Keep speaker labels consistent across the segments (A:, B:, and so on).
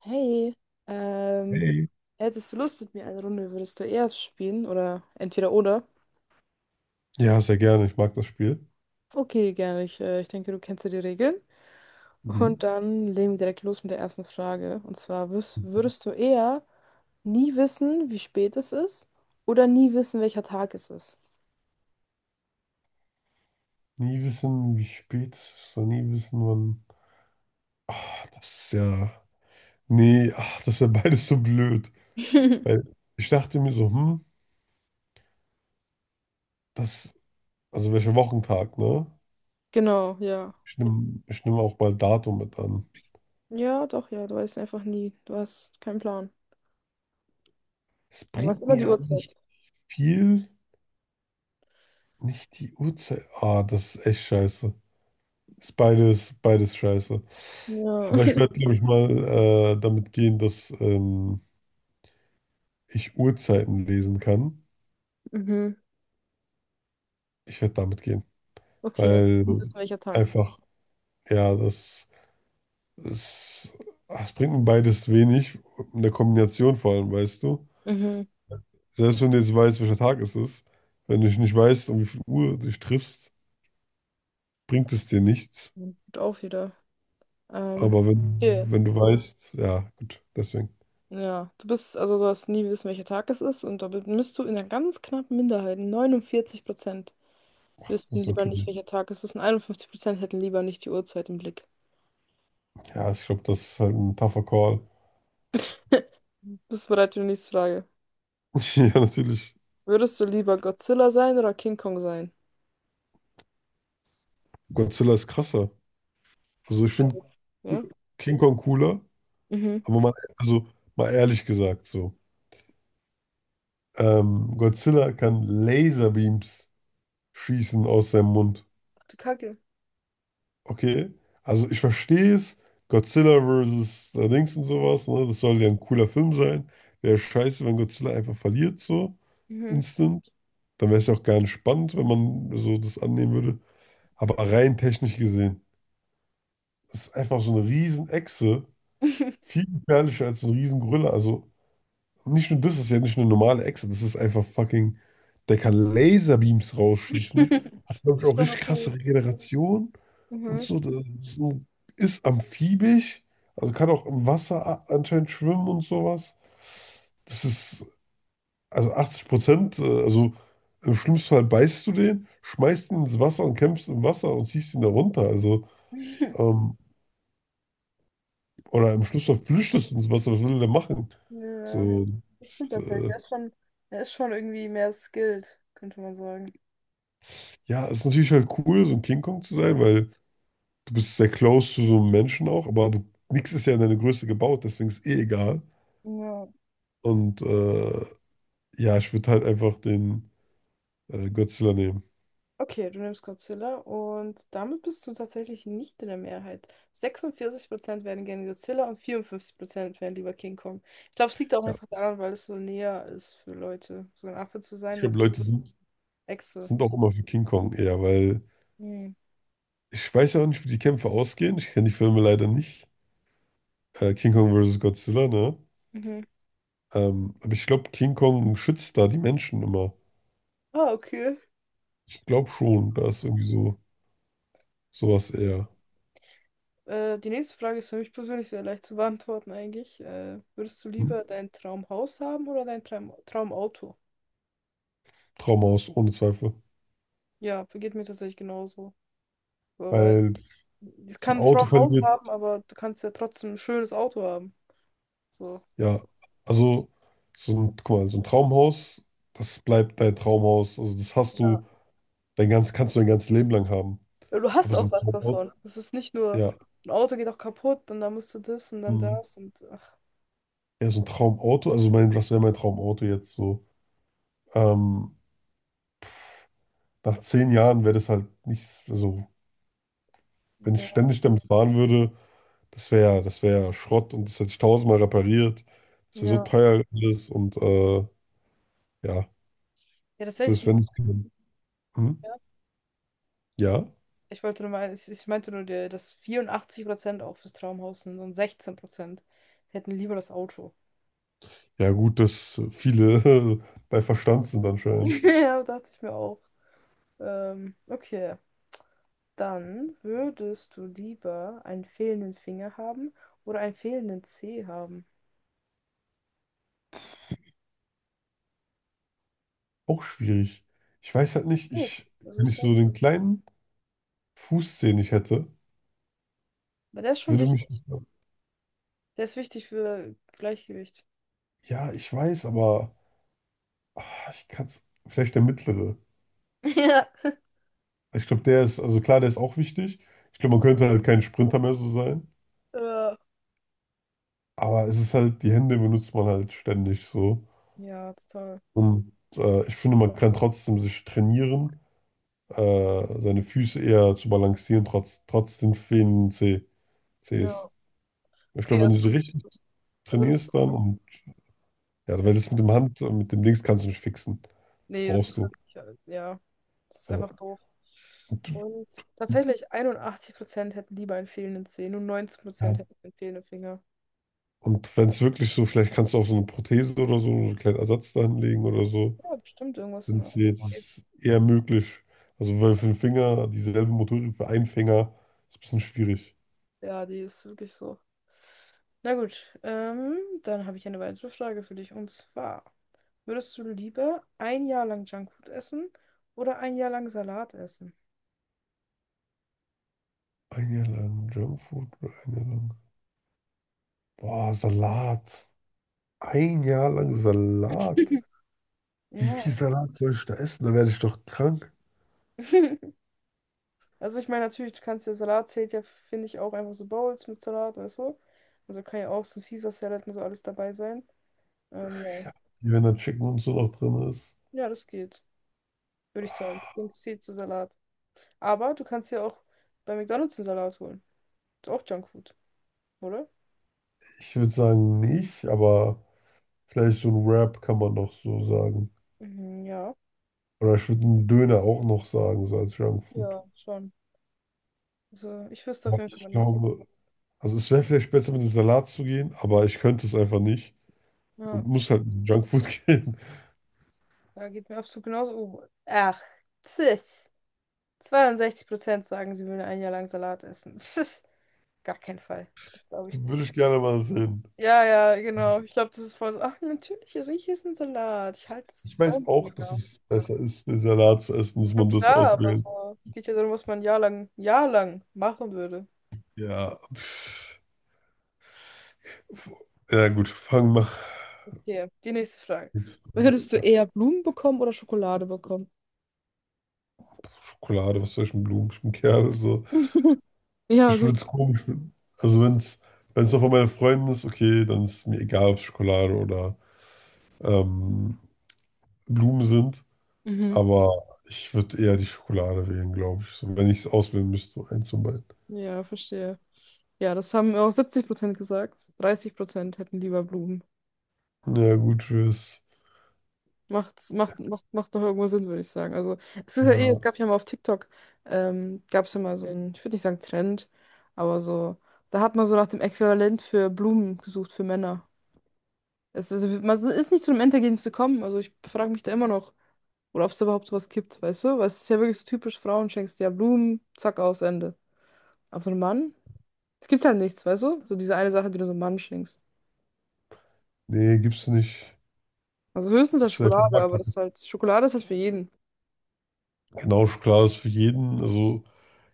A: Hey, ähm,
B: Ey.
A: hättest du Lust mit mir eine Runde, würdest du erst spielen oder entweder oder?
B: Ja, sehr gerne. Ich mag das Spiel.
A: Okay, gerne. Ich denke, du kennst ja die Regeln.
B: Mhm.
A: Und dann legen wir direkt los mit der ersten Frage. Und zwar, würdest,
B: Mhm.
A: würdest du eher nie wissen, wie spät es ist oder nie wissen, welcher Tag es ist?
B: Nie wissen, wie spät es ist, und nie wissen, wann. Ach, das ist ja. Nee, ach, das ist ja beides so blöd. Weil ich dachte mir so, das. Also welcher Wochentag, ne?
A: Genau, ja.
B: Ich nehm auch mal Datum mit an.
A: Ja, doch, ja. Du weißt einfach nie. Du hast keinen Plan.
B: Es
A: Aber weißt
B: bringt
A: immer
B: mir
A: die
B: ja nicht
A: Uhrzeit.
B: viel, nicht die Uhrzeit. Ah, das ist echt scheiße. Ist beides, beides scheiße.
A: Ja.
B: Aber ich werde, glaube ich, mal damit gehen, dass. Ich Uhrzeiten lesen kann,
A: Mhm.
B: ich werde damit gehen.
A: Okay, also, du
B: Weil
A: wissen, welcher Tag es ist.
B: einfach, ja, das, das bringt mir beides wenig. In der Kombination vor allem, weißt du.
A: Mhm.
B: Selbst wenn du jetzt weißt, welcher Tag es ist, wenn du dich nicht weißt, um wie viel Uhr du dich triffst, bringt es dir nichts.
A: Gut auf wieder. Ähm,
B: Aber wenn,
A: Okay.
B: wenn du weißt, ja, gut, deswegen.
A: Ja, du bist, also du hast nie wissen, welcher Tag es ist und da bist du in einer ganz knappen Minderheit. 49%
B: Das
A: wüssten
B: ist
A: lieber
B: okay.
A: nicht, welcher Tag es ist und 51% hätten lieber nicht die Uhrzeit im Blick.
B: Ja, ich glaube, das ist halt ein tougher Call.
A: Bist du bereit für die nächste Frage?
B: Ja, natürlich.
A: Würdest du lieber Godzilla sein oder King Kong sein?
B: Godzilla ist krasser. Also ich finde
A: Ja?
B: King Kong cooler.
A: Mhm.
B: Aber mal, also mal ehrlich gesagt so. Godzilla kann Laserbeams schießen aus seinem Mund.
A: Ach du Kacke.
B: Okay? Also ich verstehe es. Godzilla versus Dings und sowas, ne? Das soll ja ein cooler Film sein. Wäre scheiße, wenn Godzilla einfach verliert, so
A: Mhm.
B: instant. Dann wäre es ja auch gar nicht spannend, wenn man so das annehmen würde. Aber rein technisch gesehen, das ist einfach so eine Riesenechse. Viel gefährlicher als so ein Riesengorilla. Also, nicht nur das, ist ja nicht eine normale Echse, das ist einfach fucking. Der kann Laserbeams rausschießen. Hat, glaube ich,
A: Das ist
B: auch
A: schon
B: richtig
A: okay.
B: krasse Regeneration und
A: Mhm.
B: so. Das ist, ein, ist amphibisch, also kann auch im Wasser anscheinend schwimmen und sowas. Das ist, also 80%, also im schlimmsten Fall beißt du den, schmeißt ihn ins Wasser und kämpfst im Wasser und ziehst ihn da runter. Also, ähm, oder im schlimmsten Fall flüchtest du ins Wasser, was will der machen?
A: Ja,
B: So,
A: das stimmt
B: ist,
A: tatsächlich.
B: äh,
A: Er ist schon irgendwie mehr skilled, könnte man sagen.
B: ja, es ist natürlich halt cool, so ein King Kong zu sein, weil du bist sehr close zu so einem Menschen auch, aber du, nichts ist ja in deine Größe gebaut, deswegen ist eh egal.
A: Ja.
B: Und ja, ich würde halt einfach den Godzilla nehmen.
A: Okay, du nimmst Godzilla und damit bist du tatsächlich nicht in der Mehrheit. 46% werden gerne Godzilla und 54% werden lieber King Kong. Ich glaube, es liegt auch
B: Ja,
A: einfach daran, weil es so näher ist für Leute, so ein Affe zu
B: ich
A: sein als
B: glaube, Leute sind,
A: Echse.
B: sind auch immer für King Kong eher, weil
A: Hm.
B: ich weiß ja auch nicht, wie die Kämpfe ausgehen. Ich kenne die Filme leider nicht. King Kong vs. Godzilla, ne?
A: Mhm.
B: Aber ich glaube, King Kong schützt da die Menschen immer.
A: Ah, okay.
B: Ich glaube
A: Cool,
B: schon, da ist irgendwie so sowas
A: cool.
B: eher.
A: Die nächste Frage ist für mich persönlich sehr leicht zu beantworten eigentlich. Würdest du
B: Hm?
A: lieber dein Traumhaus haben oder dein Traumauto?
B: Trauma aus, ohne Zweifel.
A: Ja, vergeht mir tatsächlich genauso. So,
B: Weil
A: ich
B: so ein
A: kann
B: Auto
A: zwar ein Haus
B: verliert,
A: haben, aber du kannst ja trotzdem ein schönes Auto haben. So.
B: ja. Also, so ein, guck mal, so ein Traumhaus, das bleibt dein Traumhaus. Also, das hast
A: Ja.
B: du, dein ganz, kannst du dein ganzes Leben lang haben.
A: Du hast
B: Aber so
A: auch
B: ein
A: was
B: Traumauto,
A: davon. Es ist nicht nur,
B: ja.
A: ein Auto geht auch kaputt und dann musst du das und dann
B: Mhm.
A: das und ach,
B: Ja, so ein Traumauto, also mein, was wäre mein Traumauto jetzt so? Ähm, nach 10 Jahren wäre das halt nichts, also, wenn ich
A: ja.
B: ständig damit fahren würde, das wäre ja Schrott und das hätte ich tausendmal repariert. Das wäre so
A: Ja.
B: teuer alles und ja,
A: Ja,
B: das
A: tatsächlich
B: ist,
A: sind
B: wenn
A: auch,
B: es. Mhm.
A: ja.
B: Ja.
A: Ich wollte nur mal, ich meinte nur, dass 84% auch fürs Traumhaus sind und 16% hätten lieber das Auto.
B: Ja, gut, dass viele bei Verstand sind anscheinend.
A: Ja, dachte ich mir auch. Okay. Dann würdest du lieber einen fehlenden Finger haben oder einen fehlenden Zeh haben?
B: Auch schwierig. Ich weiß halt nicht,
A: Geht.
B: ich,
A: Also
B: wenn
A: ich
B: ich
A: glaube,
B: so den kleinen Fuß, den ich hätte,
A: aber der ist schon
B: würde mich.
A: wichtig. Der ist wichtig für Gleichgewicht.
B: Ja, ich weiß, aber ah, ich kann es. Vielleicht der mittlere.
A: Ja.
B: Ich glaube, der ist, also klar, der ist auch wichtig. Ich glaube, man könnte halt kein Sprinter mehr so sein.
A: Äh,
B: Aber es ist halt, die Hände benutzt man halt ständig so.
A: ja, total.
B: Und ich finde, man kann trotzdem sich trainieren, seine Füße eher zu balancieren, trotz den fehlenden C Cs.
A: Ja.
B: Ich
A: Okay,
B: glaube, wenn
A: also,
B: du sie richtig
A: also du bist
B: trainierst
A: cool.
B: dann und ja,
A: Ja.
B: weil das mit dem Hand, mit dem Dings kannst du nicht fixen. Das
A: Nee, das
B: brauchst
A: ist
B: du.
A: wirklich, ja, das ist
B: Ja.
A: einfach doof. Und tatsächlich 81% hätten lieber einen fehlenden Zeh, nur 19%
B: Ja.
A: hätten einen fehlenden Finger.
B: Und wenn es wirklich so, vielleicht kannst du auch so eine Prothese oder so, so einen kleinen Ersatz da hinlegen oder so.
A: Ja, bestimmt irgendwas in
B: Wenn
A: der
B: es
A: Art.
B: dir- ist eher möglich. Also weil für den Finger dieselbe Motorik für einen Finger ist ein bisschen schwierig.
A: Ja, die ist wirklich so. Na gut, ähm, dann habe ich eine weitere Frage für dich. Und zwar, würdest du lieber ein Jahr lang Junkfood essen oder ein Jahr lang Salat essen?
B: Ein Jahr lang Junkfood oder ein Jahr lang. Boah, Salat. Ein Jahr lang Salat. Wie viel
A: Ja.
B: Salat soll ich da essen? Da werde ich doch krank.
A: Also ich meine, natürlich, du kannst ja Salat zählt ja, finde ich, auch einfach so Bowls mit Salat oder so. Also kann ja auch so Caesar Salad und so alles dabei sein. Ja.
B: Wie wenn da Chicken und so noch drin ist.
A: Ja, das geht, würde ich sagen. Ich denke, es zählt zu Salat. Aber du kannst ja auch bei McDonald's einen Salat holen. Ist auch Junkfood, oder?
B: Ich würde sagen nicht, aber vielleicht so ein Wrap kann man noch so sagen.
A: Mhm, ja.
B: Oder ich würde einen Döner auch noch sagen, so als Junkfood.
A: Ja, schon. Also ich wüsste auf
B: Aber
A: jeden Fall
B: ich
A: nicht.
B: glaube, also es wäre vielleicht besser mit dem Salat zu gehen, aber ich könnte es einfach nicht
A: Ja,
B: und muss halt mit Junkfood gehen.
A: da geht mir absolut genauso. Oh, ach, tschüss. 62% sagen, sie würden ein Jahr lang Salat essen. Das ist gar kein Fall. Das glaube
B: Da
A: ich nicht.
B: würde ich gerne mal sehen.
A: Ja, ja, genau. Ich glaube, das ist voll so. Ach, natürlich, also ich esse einen Salat. Ich halte es
B: Ich
A: nicht
B: weiß
A: braun für
B: auch, dass
A: mega.
B: es besser ist, den Salat zu essen, dass
A: Ja,
B: man das
A: klar, aber
B: auswählt.
A: so. Es geht ja darum, was man ein Jahr lang machen würde.
B: Ja. Ja, gut, fangen wir.
A: Okay, die nächste Frage. Würdest du
B: Ja,
A: eher Blumen bekommen oder Schokolade bekommen?
B: Schokolade, was soll ich mit Blumen? Ich bin Kerl, so.
A: Ja,
B: Ich
A: gut.
B: würde es komisch finden. Also wenn es noch von meinen Freunden ist, okay, dann ist mir egal, ob es Schokolade oder ähm, Blumen sind.
A: Mhm.
B: Aber ich würde eher die Schokolade wählen, glaube ich. So, wenn ich es auswählen müsste, so eins von beiden.
A: Ja, verstehe. Ja, das haben auch 70% gesagt. 30% hätten lieber Blumen.
B: Ja, gut, fürs.
A: Macht doch irgendwo Sinn, würde ich sagen. Also, es ist ja eh, es
B: Ja,
A: gab ja mal auf TikTok, gab es ja mal so einen, ich würde nicht sagen Trend, aber so, da hat man so nach dem Äquivalent für Blumen gesucht, für Männer. Es, also, man ist nicht zu einem Endergebnis gekommen. Also, ich frage mich da immer noch, oder ob es überhaupt sowas gibt, weißt du? Weil es ist ja wirklich so typisch, Frauen schenkst dir ja Blumen, zack, aus, Ende. Aber so ein Mann, es gibt halt nichts, weißt du? So diese eine Sache, die du so einem Mann schenkst.
B: nee, gibt's nicht.
A: Also höchstens als
B: Ist vielleicht ein
A: Schokolade,
B: Markt.
A: aber das ist halt, Schokolade ist halt für jeden.
B: Genau, Schokolade ist für jeden. Also,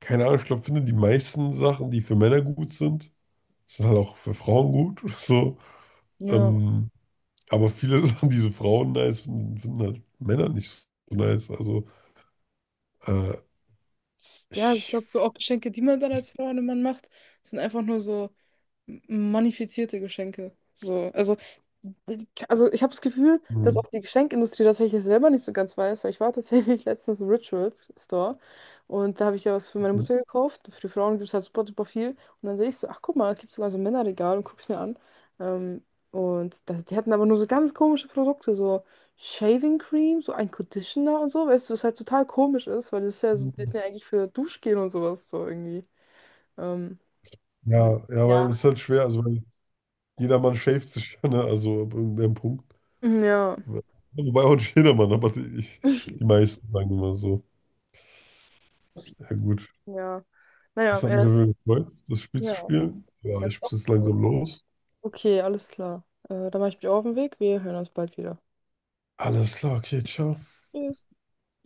B: keine Ahnung, ich glaube, finde die meisten Sachen, die für Männer gut sind, sind halt auch für Frauen gut. So.
A: Ja.
B: ähm, Aber viele Sachen, die so Frauen nice finden, finden halt Männer nicht so nice. Also, äh,
A: Ja, ich
B: ich.
A: glaube, so auch Geschenke, die man dann als Frau einem Mann macht, sind einfach nur so manifizierte Geschenke. So, also ich habe das Gefühl, dass
B: Hm,
A: auch die Geschenkindustrie tatsächlich selber nicht so ganz weiß, weil ich war tatsächlich letztens im Rituals Store und da habe ich ja was für meine
B: hm,
A: Mutter gekauft. Für die Frauen gibt es halt super, super viel. Und dann sehe ich so, ach guck mal, es gibt sogar so ein Männerregal und guck's mir an. Ähm, und das, die hatten aber nur so ganz komische Produkte, so Shaving Cream, so ein Conditioner und so, weißt du, was halt total komisch ist, weil das ist ja, die sind
B: hm.
A: ja eigentlich für Duschgel und sowas so irgendwie. Ähm,
B: Ja, ja, weil es ist
A: Ja.
B: halt schwer. Also, weil jedermann schäft sich ja, ne? Also, ab irgendeinem Punkt.
A: Ja.
B: Wobei auch nicht jedermann, aber die, ich, die meisten sagen immer so. Ja, gut.
A: Ja. Naja,
B: Das hat mich auf jeden Fall gefreut, das Spiel zu
A: ja.
B: spielen. Ja,
A: Das
B: ich muss jetzt
A: cool.
B: langsam los.
A: Okay, alles klar. Dann mache ich mich auf den Weg. Wir hören uns bald wieder.
B: Alles klar, okay, ciao.
A: Tschüss.